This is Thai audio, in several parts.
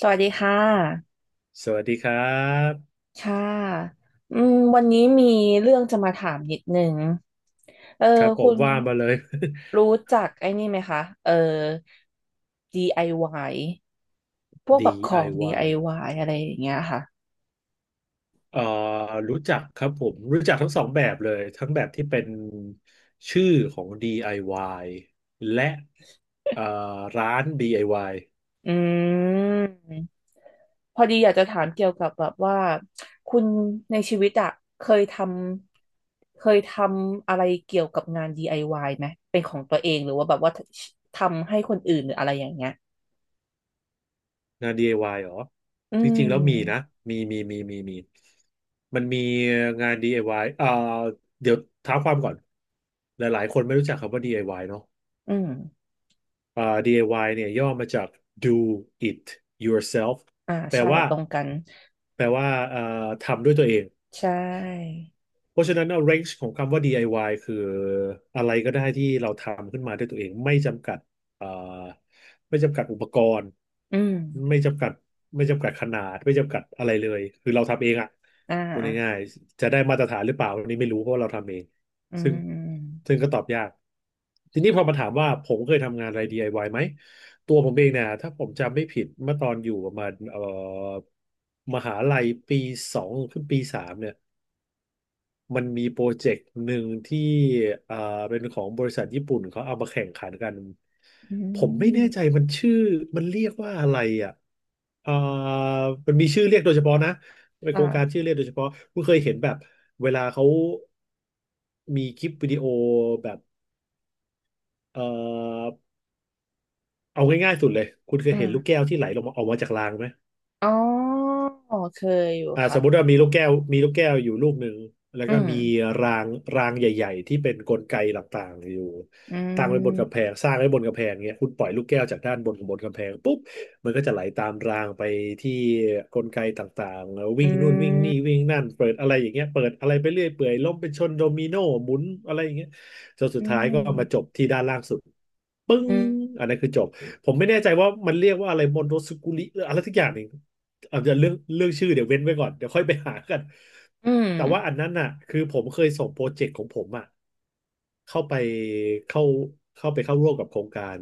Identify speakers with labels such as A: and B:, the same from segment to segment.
A: สวัสดีค่ะ
B: สวัสดีครับ
A: ค่ะวันนี้มีเรื่องจะมาถามนิดนึงเออ
B: ครับผ
A: คุ
B: ม
A: ณ
B: ว่ามาเลย
A: รู้ จักไอ้นี่ไหมคะ DIY พวกแบบของ DIY
B: DIY
A: อวายอะไรอย่างเงี้ยค่ะ
B: เอ่อรู้จักครับผมรู้จักทั้งสองแบบเลยทั้งแบบที่เป็นชื่อของ DIY และเอ่อร้าน DIY
A: อืมพอดีอยากจะถามเกี่ยวกับแบบว่า คุณในชีวิตอะเคยทเคยทำอะไรเกี่ยวกับงาน DIY ไอวายไหมเป็นของตัวเองหรือว่าแบบว่าทำให้คนอื่นหรืออะไรอย่างเงี้ย
B: งาน DIY เหรอ
A: อื
B: จริงๆแล้วมีนะ
A: ม
B: มีมันมีงาน DIY เดี๋ยวเท้าความก่อนหลายๆคนไม่รู้จักคำว่า DIY เนอะ
A: อืม
B: อ่า DIY เนี่ยย่อมาจาก do it yourself
A: อ่า
B: แปล
A: ใช่
B: ว่า
A: ตรงกัน
B: แปลว่าเอ่อทำด้วยตัวเอง
A: ใช่
B: เพราะฉะนั้นเรนจ์ของคำว่า DIY คืออะไรก็ได้ที่เราทำขึ้นมาด้วยตัวเองไม่จำกัดเอ่อไม่จำกัดอุปกรณ์
A: อืม
B: ไม่จำกัดไม่จำกัดขนาดไม่จำกัดอะไรเลยคือเราทำเองอ่ะ
A: อ่า
B: พูดง่ายๆจะได้มาตรฐานหรือเปล่าอันนี้ไม่รู้เพราะว่าเราทำเอง
A: อื
B: ซึ่ง
A: ม
B: ซึ่งก็ตอบยากทีนี้พอมาถามว่าผมเคยทำงานอะไร DIY ไอวายไหมตัวผมเองเนี่ยถ้าผมจำไม่ผิดเมื่อตอนอยู่ประมาณมหาลัยปีสองขึ้นปีสามเนี่ย มันมีโปรเจกต์หนึ่งที่อ่าเป็นของบริษัทญี่ปุ่นเขาเอามาแข่งขันกัน
A: อื
B: ผมไม่แน่ใจ
A: ม
B: มันชื่อ มันเรียกว่าอะไรอ่ะอ่ามันมีชื่อเรียกโดยเฉพาะนะเป็นโคร
A: ค่ะ
B: งการชื่อเรียกโดยเฉพาะคุณเคยเห็นแบบเวลาเขามีคลิปวิดีโอแบบ เอ่อเอาง่ายๆสุดเลย คุณเคย
A: อ่า
B: เห็นลูกแก้วที่ไหลลงมาออกมาจากรางไหม
A: อ๋อเคยอยู่
B: ส
A: ค่ะ
B: มมุติว่ามีลูกแก้วอยู่ลูกหนึ่งแล้ว
A: อื
B: ก็
A: ม
B: มีรางรางใหญ่ๆที่เป็นกลไกต่างๆอยู่
A: อื
B: ตั้งไว้บนกำแพ
A: ม
B: งสร้างไว้บนกำแพงเนี้ยคุณปล่อยลูกแก้วจากด้านบนของบนกำแพงปุ๊บมันก็จะไหลตามรางไปที่กลไกต่างๆแล้ววิ่ง
A: อื
B: นู่นวิ่ง
A: ม
B: นี่วิ่งนั่นเปิดอะไรอย่างเงี้ยเปิดอะไรไปเรื่อยเปื่อยล้มเป็นชนโดมิโนหมุนอะไรอย่างเงี้ยจนสุ
A: อื
B: ดท้ายก็มาจ
A: ม
B: บที่ด้านล่างสุดปึ้งอันนั้นคือจบผมไม่แน่ใจว่ามันเรียกว่าอะไรมอนโตสกุลิหรืออะไรสักอย่างหนึ่ง อาจจะเรื่องชื่อเดี๋ยวเว้นไว้ก่อนเดี๋ยวค่อยไปหากัน
A: อืม
B: แต่ว่าอันนั้นน่ะคือผมเคยส่งโปรเจกต์ของผมอ่ะเข้าไปเข้าเข้าไปเข้าร่วมกับโครงการ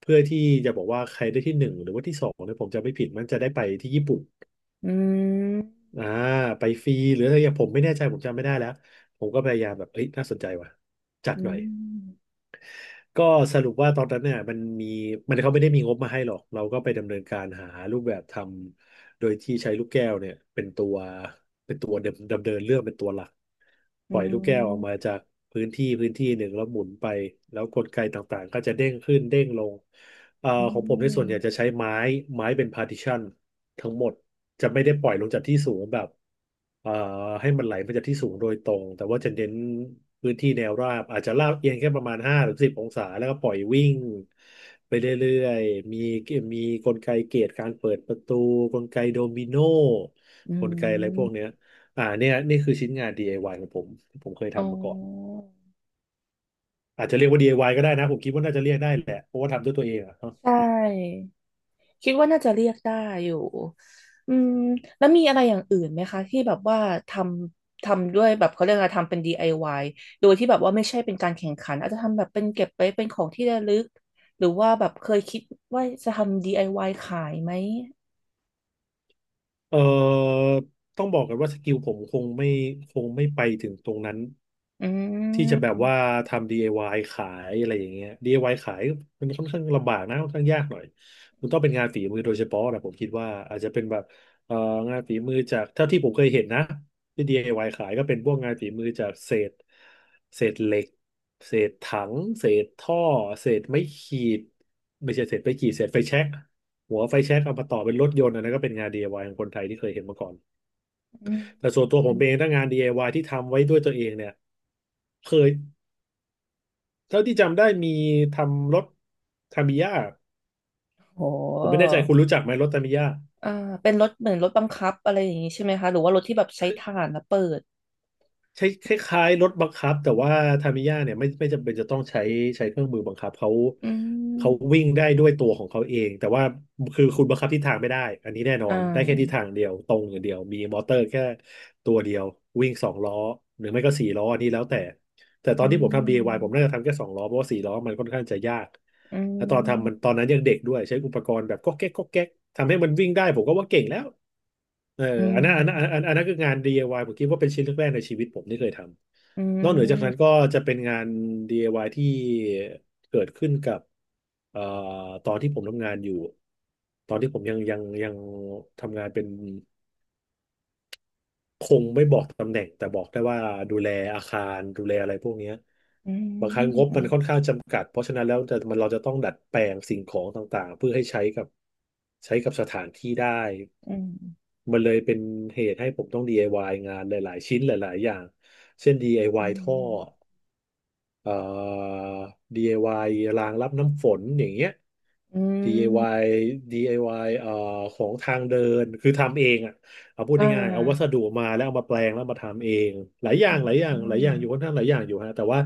B: เพื่อที่จะบอกว่าใครได้ที่หนึ่งหรือว่าที่สองเนี่ยผมจะไม่ผิดมันจะได้ไปที่ญี่ปุ่น
A: อืม
B: อ่าไปฟรีหรืออะไรอย่างผมไม่แน่ใจผมจำไม่ได้แล้วผมก็พยายามแบบเอ้ยน่าสนใจว่ะจัด
A: อื
B: หน่อย
A: ม
B: ก็สรุปว่าตอนนั้นเนี่ยมันเขาไม่ได้มีงบมาให้หรอกเราก็ไปดำเนินการหารูปแบบทำโดยที่ใช้ลูกแก้วเนี่ยเป็นตัวดำเนินเรื่องเป็นตัวหลักป
A: อื
B: ล่อยลูกแก้วออกมา
A: ม
B: จากพื้นที่หนึ่งแล้วหมุนไปแล้วกลไกต่างๆก็จะเด้งขึ้นเด้งลง
A: อื
B: ของผมในส่วนใหญ่
A: ม
B: จะใช้ไม้เป็นพาร์ติชันทั้งหมดจะไม่ได้ปล่อยลงจากที่สูงแบบ เอ่อให้มันไหลมาจากที่สูงโดยตรงแต่ว่าจะเน้นพื้นที่แนวราบอาจจะลาดเอียงแค่ประมาณ5 หรือ 10 องศาแล้วก็ปล่อยวิ่งไปเรื่อยๆมีกลไกเกตการเปิดประตูกลไกโดมิโน
A: อื
B: ก
A: ม
B: ลไกอะ
A: อื
B: ไรพวกเนี้
A: ม
B: ยเนี่ยนี่คือชิ้นงาน DIY ของผมที่ผมเคย
A: อ๋อ
B: ทำมาก่อนอาจจะเรียกว่า DIY ก็ได้นะผมคิดว่าน่าจะเรียกได้แหละเพราะว่าทำด้วยตัวเองอะ
A: ใช่ คิดว่าน่าจะเรียกได้อยู่อืมแล้วมีอะไรอย่างอื่นไหมคะที่แบบว่าททำด้วยแบบเขาเรียกอะไรทำเป็น DIY โดยที่แบบว่าไม่ใช่เป็นการแข่งขันอาจจะทำแบบเป็นเก็บไว้เป็นของที่ระลึกหรือว่าแบบเคยคิดว่าจะทำ DIY ขายไหม
B: เอ่อต้องบอกกันว่าสกิลผมคงไม่ไปถึงตรงนั้น
A: อื
B: ที่จะแบบว่า
A: ม
B: ทำ DIY ขายอะไรอย่างเงี้ย DIY ขายมันค่อนข้างลำบากนะค่อนข้างยากหน่อยมันต้องเป็นงานฝีมือโดยเฉพาะนะผมคิดว่าอาจจะเป็นแบบเอ่องานฝีมือจากเท่าที่ผมเคยเห็นนะที่ DIY ขายก็เป็นพวกงานฝีมือจากเศษเหล็กเศษถังเศษท่อเศษไม้ขีดไม่ใช่เศษไม้ขีดเศษไฟแช็ก หัวไฟแช็กเอามาต่อเป็นรถยนต์อันนั้นก็เป็นงาน DIY ของคนไทยที่เคยเห็นมาก่อน
A: อืม
B: แต่ส่วนตัวผมเองถ้างาน DIY ที่ทำไว้ด้วยตัวเองเนี่ยเคยเท่าที่จำได้มีทำรถทามิยะ
A: โห
B: ผมไม่แน่ใจคุณรู้จักไหมรถทามิยะ
A: อ่าเป็นรถเหมือนรถบังคับอะไรอย่างนี้ใช่ไหมคะหรือว่ารถที่แบบใช้ถ่านแล้วเปิด
B: ใช้คล้ายๆรถบังคับแต่ว่าทามิยะเนี่ยไม่จำเป็นจะต้องใช้เครื่องมือบังคับเขา
A: อืม
B: เขาวิ่งได้ด้วยตัวของเขาเองแต่ว่าคือคุณบังคับทิศทางไม่ได้อันนี้แน่นอ
A: อ่า
B: นได้แค่ทิศทางเดียวตรงอย่างเดียวมีมอเตอร์แค่ตัวเดียววิ่งสองล้อหรือไม่ก็สี่ล้ออันนี้แล้วแต่แต่ตอ
A: อื
B: นที่ผมทำ DIY ผมน่า
A: ม
B: จะทำแค่สองล้อเพราะว่าสี่ล้อมันค่อนข้างจะยาก
A: อื
B: และตอนทำมันตอน
A: ม
B: นั้นยังเด็กด้วยใช้อุปกรณ์แบบก๊อกแก๊กก๊อกแก๊กทำให้มันวิ่งได้ผมก็ว่าเก่งแล้ว เออ
A: อื
B: อัน
A: ม
B: นั้นอันนั้นอันอันนั้นคืองาน DIY ผมคิดว่าเป็นชิ้นแรกๆในชีวิตผมที่เคยท
A: อื
B: ำนอกเหนือจากนั้น
A: ม
B: ก็จะเป็นงาน DIY ที่เกิดขึ้นกับเอ่อตอนที่ผมทำงานอยู่ตอนที่ผมยังทำงานเป็นคงไม่บอกตำแหน่งแต่บอกได้ว่าดูแลอาคารดูแลอะไรพวกเนี้ย
A: อื
B: บางครั้งงบ
A: ม
B: มันค่อนข้างจำกัดเพราะฉะนั้นแล้วจะมันเราจะต้องดัดแปลงสิ่งของต่างๆเพื่อให้ใช้กับสถานที่ได้
A: อืม
B: มันเลยเป็นเหตุให้ผมต้อง DIY งานหลาย ๆ ชิ้นหลาย ๆ อย่าง เช่น
A: อื
B: DIY ท่อ
A: ม
B: เอ่อ DIY รางรับน้ำฝนอย่างเงี้ย
A: อืมอ
B: DIY
A: ม
B: ว i y ของทางเดินคือทำเองอ่ะเอาพูด
A: อ่
B: ง่ายๆเอาวัส
A: า
B: ดุมาแล้วเอามาแปลงแล้วมาทำเองหลายอย่า
A: อื
B: งหลายอย่างหลายอย่าง
A: ม
B: อยู่ค่อนข้างหลายอย่างอยู่ฮะแต่ว่า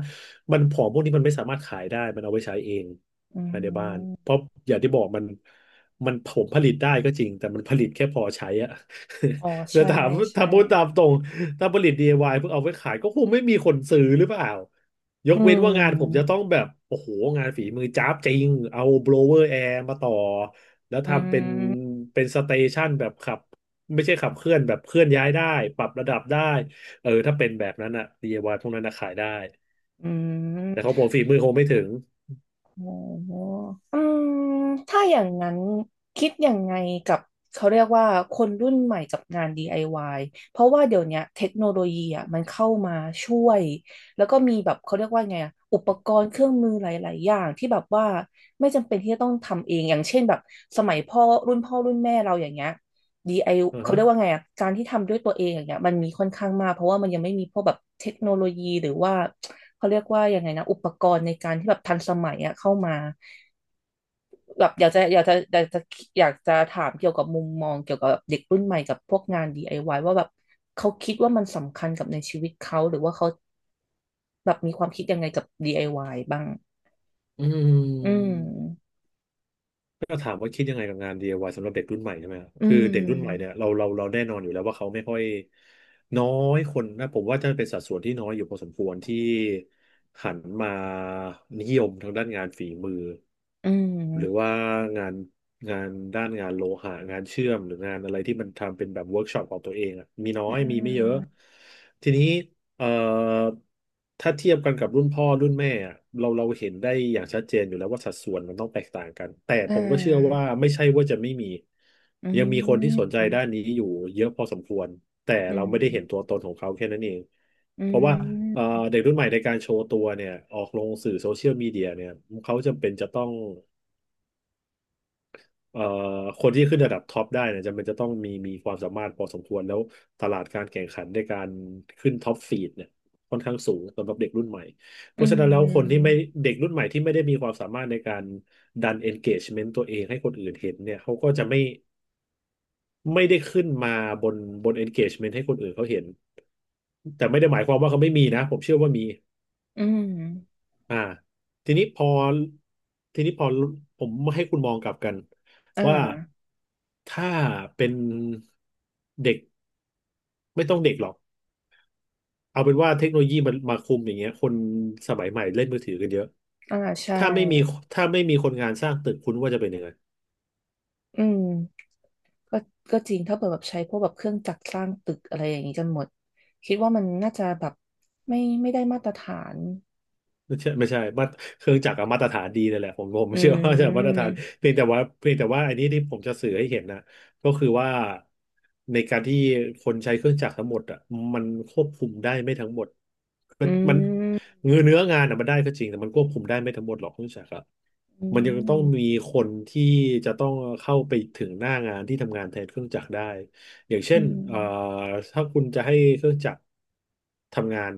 B: มันของพวกนี้มันไม่สามารถขายได้มันเอาไว้ใช้เอง
A: อื
B: ภายในบ้าน
A: ม
B: เพราะอย่างที่บอกมันมันผมผลิตได้ก็จริงแต่มันผลิตแค่พอใช้อ่ะ
A: อ๋อ
B: แต่
A: ใช่
B: ถาม
A: ใช่
B: ถ้าพูดตามตรงถ้าผลิต DIY เพื่อเอาไว้ขายก็คงไม่มีคนซื้อหรือเปล่า ยก
A: อื
B: เว้นว่างานผม
A: ม
B: จะต้องแบบโอ้โหงานฝีมือจ้าบจริงเอาโบ l เวอร์แอร์มาต่อแล้ว
A: อื
B: ทำเป็น
A: ม
B: เป็นสเตชันแบบขับไม่ใช่ขับเคลื่อนแบบเคลื่อนย้ายได้ปรับระดับได้เออถ้าเป็นแบบนั้นอะดีไอว i y พวกนั้นอะขายได้
A: อืม
B: แต่ของผมฝีมือคงไม่ถึง
A: โอ้โหอืมถ้าอย่างนั้นคิดยังไงกับเขาเรียกว่าคนรุ่นใหม่กับงาน DIY เพราะว่าเดี๋ยวเนี้ยเทคโนโลยีอ่ะมันเข้ามาช่วยแล้วก็มีแบบเขาเรียกว่าไงอะอุปกรณ์เครื่องมือหลายๆอย่างที่แบบว่าไม่จำเป็นที่จะต้องทำเองอย่างเช่นแบบสมัยพ่อรุ่นพ่อรุ่นแม่เราอย่างเงี้ย DIY
B: อือ
A: เขา
B: ฮะ
A: เรียกว่าไงอะการที่ทำด้วยตัวเองอย่างเงี้ยมันมีค่อนข้างมากเพราะว่ามันยังไม่มีพวกแบบเทคโนโลยีหรือว่าเขาเรียกว่ายังไงนะอุปกรณ์ในการที่แบบทันสมัยอะเข้ามาแบบอยากจะอยากจะอยากจะอยากจะถามเกี่ยวกับมุมมองเกี่ยวกับเด็กรุ่นใหม่กับพวกงาน DIY วายว่าแบบเขาคิดว่ามันสำคัญกับในชีวิตเขาหรือว่าเขาแบบมีความคิดยังไงกับ DIY บ้าง
B: อื
A: อืม
B: ม ก็ถามว่าคิดยังไงกับงาน DIY สำหรับเด็กรุ่นใหม่ใช่ไหมครับ
A: อื
B: คือเด็กรุ่นใหม่เนี่ย
A: ม
B: เราแน่นอนอยู่แล้วว่าเขาไม่ค่อยน้อยคนนะผมว่าจะเป็นสัดส่วนที่น้อยอยู่พอสมควรที่หันมานิยมทางด้านงานฝีมือ
A: อื
B: หรือ
A: ม
B: ว่างานงานด้านงานโลหะงานเชื่อมหรืองานอะไรที่มันทำเป็นแบบเวิร์กช็อปของตัวเองอะมีน้อยมีไม่เยอะทีนี้ เอ่อถ้าเทียบกันกับรุ่นพ่อรุ่นแม่อะเราเห็นได้อย่างชัดเจนอยู่แล้วว่าสัดส่วนมันต้องแตกต่างกันแต่
A: อ่
B: ผมก็เชื่อว่า
A: า
B: ไม่ใช่ว่าจะไม่มี
A: อื
B: ยังมีคนที่สนใจ
A: ม
B: ด้านนี้อยู่เยอะพอสมควรแต่
A: อื
B: เรา
A: ม
B: ไม่ได้เห็นตัวตนของเขาแค่นั้นเอง
A: อื
B: เพราะว่าเอ่อ
A: ม
B: เด็กรุ่นใหม่ในการโชว์ตัวเนี่ยออกลงสื่อโซเชียลมีเดียเนี่ยเขาจำเป็นจะต้อง เอ่อคนที่ขึ้นระดับท็อปได้เนี่ยจำเป็นจะต้องมีความสามารถพอสมควรแล้วตลาดการแข่งขันในการขึ้นท็อปฟีดเนี่ยค่อนข้างสูงสำหรับเด็กรุ่นใหม่เพ
A: อื
B: ราะฉะนั้นแล้วคนที่
A: ม
B: ไม่เด็กรุ่นใหม่ที่ไม่ได้มีความสามารถในการดัน engagement ตัวเองให้คนอื่นเห็นเนี่ยเขาก็จะไม่ได้ขึ้นมาบนบน engagement ให้คนอื่นเขาเห็นแต่ไม่ได้หมายความว่าเขาไม่มีนะผมเชื่อว่ามี
A: อืม
B: อ่าทีนี้พอทีนี้พอผมให้คุณมองกลับกัน
A: อ่า
B: ว่าถ้าเป็นเด็กไม่ต้องเด็กหรอกเอาเป็นว่าเทคโนโลยีมันมาคุมอย่างเงี้ยคนสมัยใหม่เล่นมือถือกันเยอะ
A: อ่าใช่
B: ถ้าไม่มีถ้าไม่มีคนงานสร้างตึกคุณว่าจะเป็นยังไง
A: อืมก็ก็จริงถ้าเปิดแบบใช้พวกแบบเครื่องจักรสร้างตึกอะไรอย่างนี้จนหมดคิดว่ามันน่าจะแบบไม่ได้มาตรฐาน
B: ไม่ใช่มาเครื่องจักรอะมาตรฐานดีเลยแหละผม
A: อื
B: เชื่อว่าจะมาตรฐาน
A: ม
B: เพียงแต่ว่าอันนี้ที่ผมจะสื่อให้เห็นนะก็คือว่าในการที่คนใช้เครื่องจักรทั้งหมดอ่ะมันควบคุมได้ไม่ทั้งหมดก็
A: อื
B: มัน
A: ม
B: เนื้องานอ่ะมันได้ก็จริงแต่มันควบคุมได้ไม่ทั้งหมดหรอกเครื่องจักรอะ
A: อื
B: มันยังต้อง
A: ม
B: มีคนที่จะต้องเข้าไปถึงหน้างานที่ทำงานแทนเครื่องจักรได้ อย่างเช่
A: อื
B: น
A: ม
B: ถ้าคุณจะให้เครื่องจักรทำงาน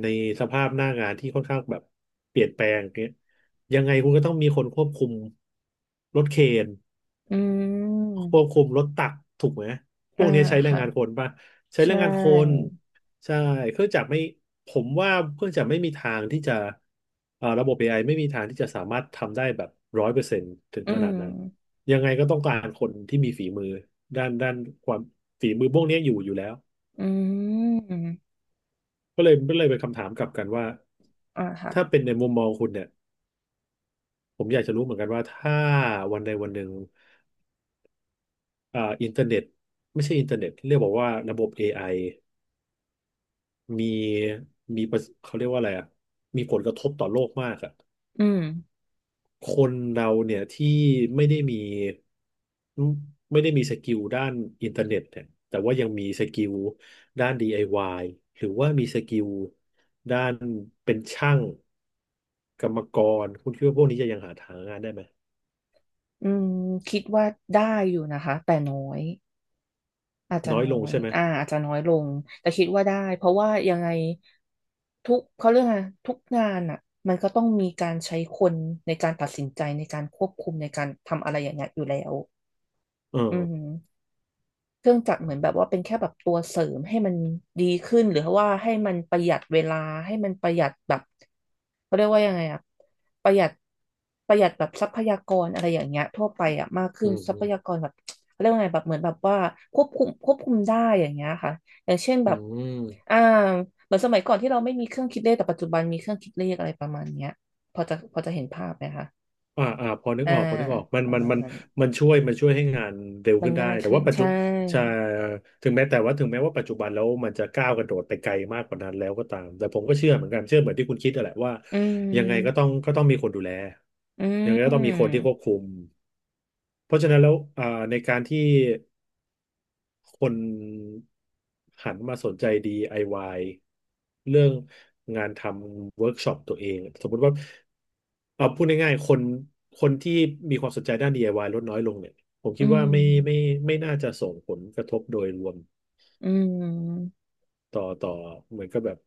B: ในสภาพหน้างานที่ค่อนข้างแบบเปลี่ยนแปลงเงี้ยยังไงคุณก็ต้องมีคนควบคุมรถเครน
A: อืม
B: ควบคุมรถตักถูกไหมพว
A: อ่า
B: กนี้ใช้แรง
A: ค่ะ
B: งานคนป่ะใช้
A: ใช
B: แรงงานคน
A: ่
B: ใช่เครื่องจักรไม่ผมว่าเครื่องจักรไม่มีทางที่จะระบบ AI ไอไม่มีทางที่จะสามารถทำได้แบบร้อยเปอร์เซ็นต์ถึง
A: อื
B: ข
A: ม
B: นาดนั้นยังไงก็ต้องการคนที่มีฝีมือด้านความฝีมือพวกนี้อยู่แล้ว
A: อืม
B: ก็เลยเป็นคำถามกลับกันว่า
A: อ่าค่ะ
B: ถ้าเป็นในมุมมองคุณเนี่ยผมอยากจะรู้เหมือนกันว่าถ้าวันใดวันหนึ่งอินเทอร์เน็ตไม่ใช่อินเทอร์เน็ตเรียกบอกว่าระบบเอไอ มีมีประเขาเรียกว่าอะไรอ่ะมีผลกระทบต่อโลกมากอ่ะ
A: อืม
B: คนเราเนี่ยที่ไม่ได้มีไม่ได้มีสกิลด้านอินเทอร์เน็ตเนี่ยแต่ว่ายังมีสกิลด้าน DIY หรือว่ามีสกิลด้านเป็นช่างกรรมกรคุณคิดว่าพวกนี้จะยังหาทางงานได้ไหม
A: อืมคิดว่าได้อยู่นะคะแต่น้อย อาจจะ
B: น้อย
A: น้อ
B: ลง
A: ย
B: ใช่ไหม
A: อาจจะน้อยลง แต่คิดว่าได้ เพราะว่ายังไงทุกเขาเรื่องอะไรทุกงานอ่ะมันก็ต้องมีการใช้คนในการตัดสินใจในการควบคุมในการทำอะไรอย่างเงี้ยอยู่แล้ว
B: เอ
A: อื
B: อ
A: ม เครื่องจักรเหมือนแบบว่าเป็นแค่แบบตัวเสริมให้มันดีขึ้นหรือว่าให้มันประหยัดเวลาให้มันประหยัดแบบเขาเรียกว่ายังไงอะประหยัดประหยัดแบบทรัพยากรอะไรอย่างเงี้ยทั่วไปอะมากขึ้
B: อื
A: น
B: ม
A: ทรั
B: อื
A: พ
B: ม
A: ยากรแบบเขาเรียกว่าไงแบบเหมือนแบบว่าควบคุมได้อย่างเงี้ยค่ะอย่างเช่นแบ
B: อื
A: บ
B: ม
A: อ่าเหมือนสมัยก่อนที่เราไม่มีเครื่องคิดเลขแต่ปัจจุบันมีเครื่องคิดเลขอะไรประมาณเนี้ยพอจะพอจะเห็นภาพไหมคะ
B: อ่าอ่าพอนึก
A: อ่า
B: ออกพอนึกออกมัน
A: ประ
B: มัน
A: มาณ
B: มัน
A: นั้น
B: มันช่วยให้งานเร็ว
A: มัน
B: ขึ้นได้
A: ง่าย
B: แต่
A: ขึ้น
B: ว่าปัจจุ
A: ใช่
B: ใช่ถึงแม้แต่ว่าถึงแม้ว่าปัจจุบันแล้วมันจะก้าวกระโดดไปไกลมากกว่านั้นแล้วก็ตามแต่ผมก็เชื่อเหมือนกันเชื่อเหมือนที่คุณคิดนั่นแหละว่า
A: อื
B: ยังไงก็ต้อง
A: ม
B: ก็ต้องมีคนดูแล
A: อื
B: ยังไงก็ต้องมีคน
A: ม
B: ที่ควบคุมเพราะฉะนั้นแล้วในการที่ คนหันมาสนใจ DIY เรื่องงานทำเวิร์กช็อปตัวเองสมมติว่าเอาพูดง่ายๆคนที่มีความสนใจด้าน DIY ลดน้อยลงเนี่ยผม
A: อื
B: คิด
A: ม
B: ว่าไม่ไม่น่าจะส่งผลกระทบโดยรวม
A: อืม
B: ต่อเหมือนกับแบบ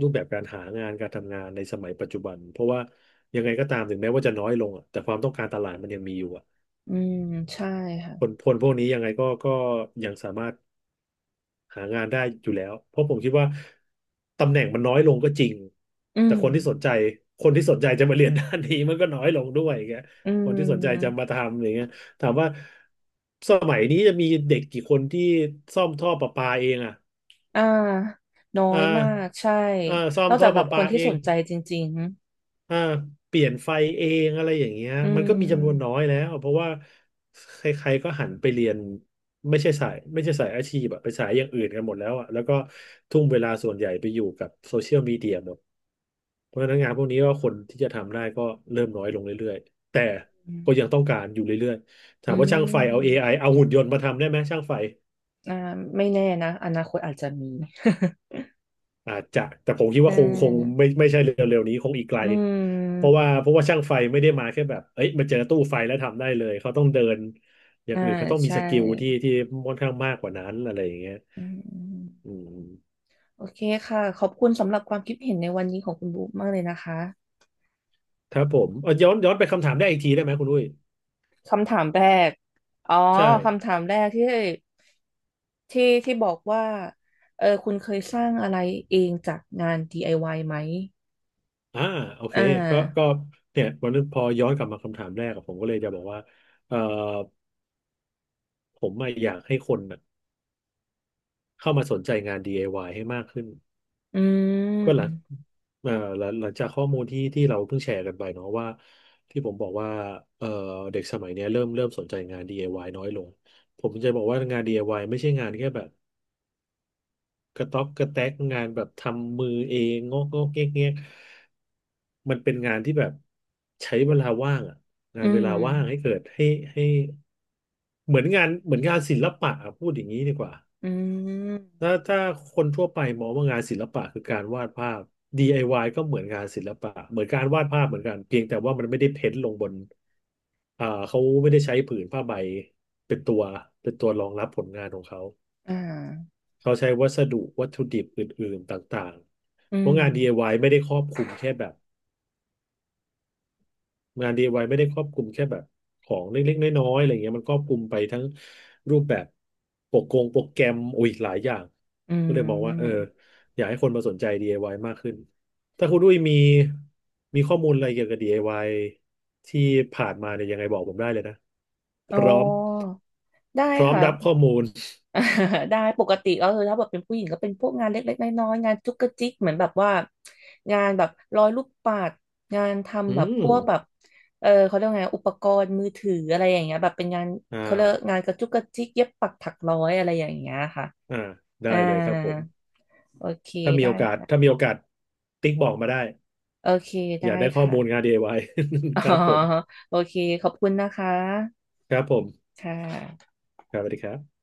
B: รูปแบบการหางานการทำงานในสมัยปัจจุบันเพราะว่ายังไงก็ตามถึงแม้ว่าจะน้อยลงอ่ะแต่ความต้องการตลาดมันยังมีอยู่อ่ะ
A: อืม ใช่
B: ค
A: ค่ะ
B: นคนพวกนี้ยังไงก็ยังสามารถ หางานได้อยู่แล้วเพราะผมคิดว่าตำแหน่งมันน้อยลงก็จริง
A: อื
B: แต่
A: ม
B: คนที่สนใจจะมาเรียนด้านนี้ มันก็น้อยลงด้วยอย่างเงี้ย
A: อื
B: คนที่สนใจจะ
A: ม
B: มาทำอย่างเงี้ยถามว่าสมัยนี้จะมีเด็กกี่คนที่ซ่อมท่อประปาเองอ่ะ
A: อ่าน้อ
B: อ่
A: ยมาก
B: า
A: ใช่
B: อ่าซ่อ
A: น
B: ม
A: อก
B: ท่
A: จา
B: อ
A: กแบ
B: ประ
A: บค
B: ปา
A: นที่
B: เอ
A: ส
B: ง
A: นใจจริง
B: อ่าเปลี่ยนไฟเองอะไรอย่างเงี้ย
A: ๆอื
B: มันก็มีจำนวนน้
A: ม
B: อยแล้วเพราะว่าใครๆก็หันไปเรียนไม่ใช่สายอาชีพอะไปสายอย่างอื่นกันหมดแล้วอะแล้วก็ทุ่มเวลาส่วนใหญ่ไปอยู่กับโซเชียลมีเดียหมดเพราะฉะนั้นงานพวกนี้ก็คนที่จะทำได้ก็เริ่มน้อยลงเรื่อยๆแต่ก็ยังต้องการอยู่เรื่อยๆ
A: อื
B: ถามว่าช่างไฟเอา
A: ม
B: AI เอาหุ่นยนต์มาทำได้ไหมช่างไฟ
A: อ่าไม่แน่นะอนาคตอาจจะมี
B: อาจจะแต่ผ มคิด
A: ใช
B: ว่าคง
A: ่
B: ไม่ใช่เร็วๆนี้คงอีกไกล
A: อื
B: เพราะ
A: ม
B: ว่าเพราะว่าช่างไฟไม่ได้มาแค่แบบเอ้ยมาเจอตู้ไฟแล้วทำได้เลยเขาต้องเดินอย่าง
A: อ่า
B: อื่นเขาต้องมี
A: ใช่
B: สกิลที่ค่อนข้างมากกว่านั้นอะไรอย่างเงี้ย
A: อืม
B: อืม
A: โอเคค่ะ ขอบคุณสำหรับความคิดเห็นในวันนี้ของคุณบุ๊กมากเลยนะคะ
B: ครับผมย้อนไปคำถามได้อีกทีได้ไหมคุณอุ้ย
A: คำถามแรก อ๋อ
B: ใช่
A: คำถามแรกที่ที่บอกว่าเออคุณเคยสร้างอะไรเองจากงาน DIY ไอวายไหม
B: อ่าโอเค
A: อ่า
B: ก็เนี่ยวันนี้พอย้อนกลับมาคำถามแรกอะผมก็เลยจะบอกว่าเอ่อผมอะอยากให้คนอะเข้ามาสนใจงาน DIY ให้มากขึ้น
A: อื
B: ก็หลัง
A: ม
B: เอ่อหลังจากข้อมูลที่เราเพิ่งแชร์กันไปเนาะว่าที่ผมบอกว่าเอ่อเด็กสมัยเนี้ยเริ่มสนใจงาน DIY น้อยลง ผมจะบอกว่างาน DIY ไอวายไม่ใช่งานแค่แบบกระต๊อกกระแตกงานแบบทำมือเองงอกเงี้ยมันเป็นงานที่แบบใช้เวลาว่างอะงา
A: อื
B: นเว
A: ม
B: ลาว่างให้เกิดให้ให้เหมือนงานเหมือนงานศิลปะอะพูดอย่างนี้ดีกว่า
A: อืม
B: ถ้าคนทั่วไปมองว่างานศิลปะคือการวาดภาพ DIY ก็เหมือนงานศิลปะเหมือนการวาดภาพเหมือนกันเพียงแต่ว่ามันไม่ได้เพ้นท์ลงบนเขาไม่ได้ใช้ผืนผ้าใบเป็นตัวเป็นตัวรองรับผลงานของเขา
A: อ่า
B: เขาใช้วัสดุวัตถุดิบอื่นๆต่าง
A: อื
B: ๆเพราะ
A: ม
B: งาน DIY ไอวายไม่ได้ครอบคลุมแค่แบบ งาน DIY ไอวายไม่ได้ครอบคลุมแค่แบบของเล็กๆ น้อยๆอะไรเงี้ยมันครอบคลุมไปทั้งรูปแบบโปรกงโปรแกรมโอ้ยหลายอย่าง
A: อื
B: ก็เลยมองว่าเออ
A: ม
B: อยากให้คนมาสนใจ DIY มากขึ้น ถ้าคุณดุ้ยมีข้อมูลอะไรเกี่ยวกับ DIY ที่ผ่านมาเนี่ยยังไงบอกผมได้เลยนะพ
A: อ๋อ
B: ร้อม
A: ได้
B: พร้อม
A: ค่ะ
B: รับข้อมูล
A: อ่า ได้ปกติก็คือถ้าแบบเป็นผู้หญิงก็เป็นพวกงานเล็กๆน้อยๆงานจุกกระจิกเหมือนแบบว่างานแบบร้อยลูกปัดงาน
B: อื
A: ทำแบบพวกแบบ
B: ม
A: เออเขาเรียกว่าไงอุปกรณ์มือถืออะไรอย่างเงี้ยแบบเป็นงาน
B: อ่
A: เขาเรียก
B: า
A: งานกระจุกกระจิกเย็บปักถักร้อยอะไรอย่างเงี้ยค่ะ
B: อ่าได้
A: อ่า
B: เลยครับผม
A: โอเคได้
B: ถ้า
A: ค่ะ
B: มีโอกาสติ๊กบอกมาได้
A: โอเค
B: อ
A: ได้
B: ยากได้ข้อ
A: ค่ะ
B: มูลงาน DIY
A: อ๋อ
B: ครับผม
A: โอเคขอบคุณนะคะ
B: ครับผม
A: ค่ะ
B: ครับสวัสดีครับ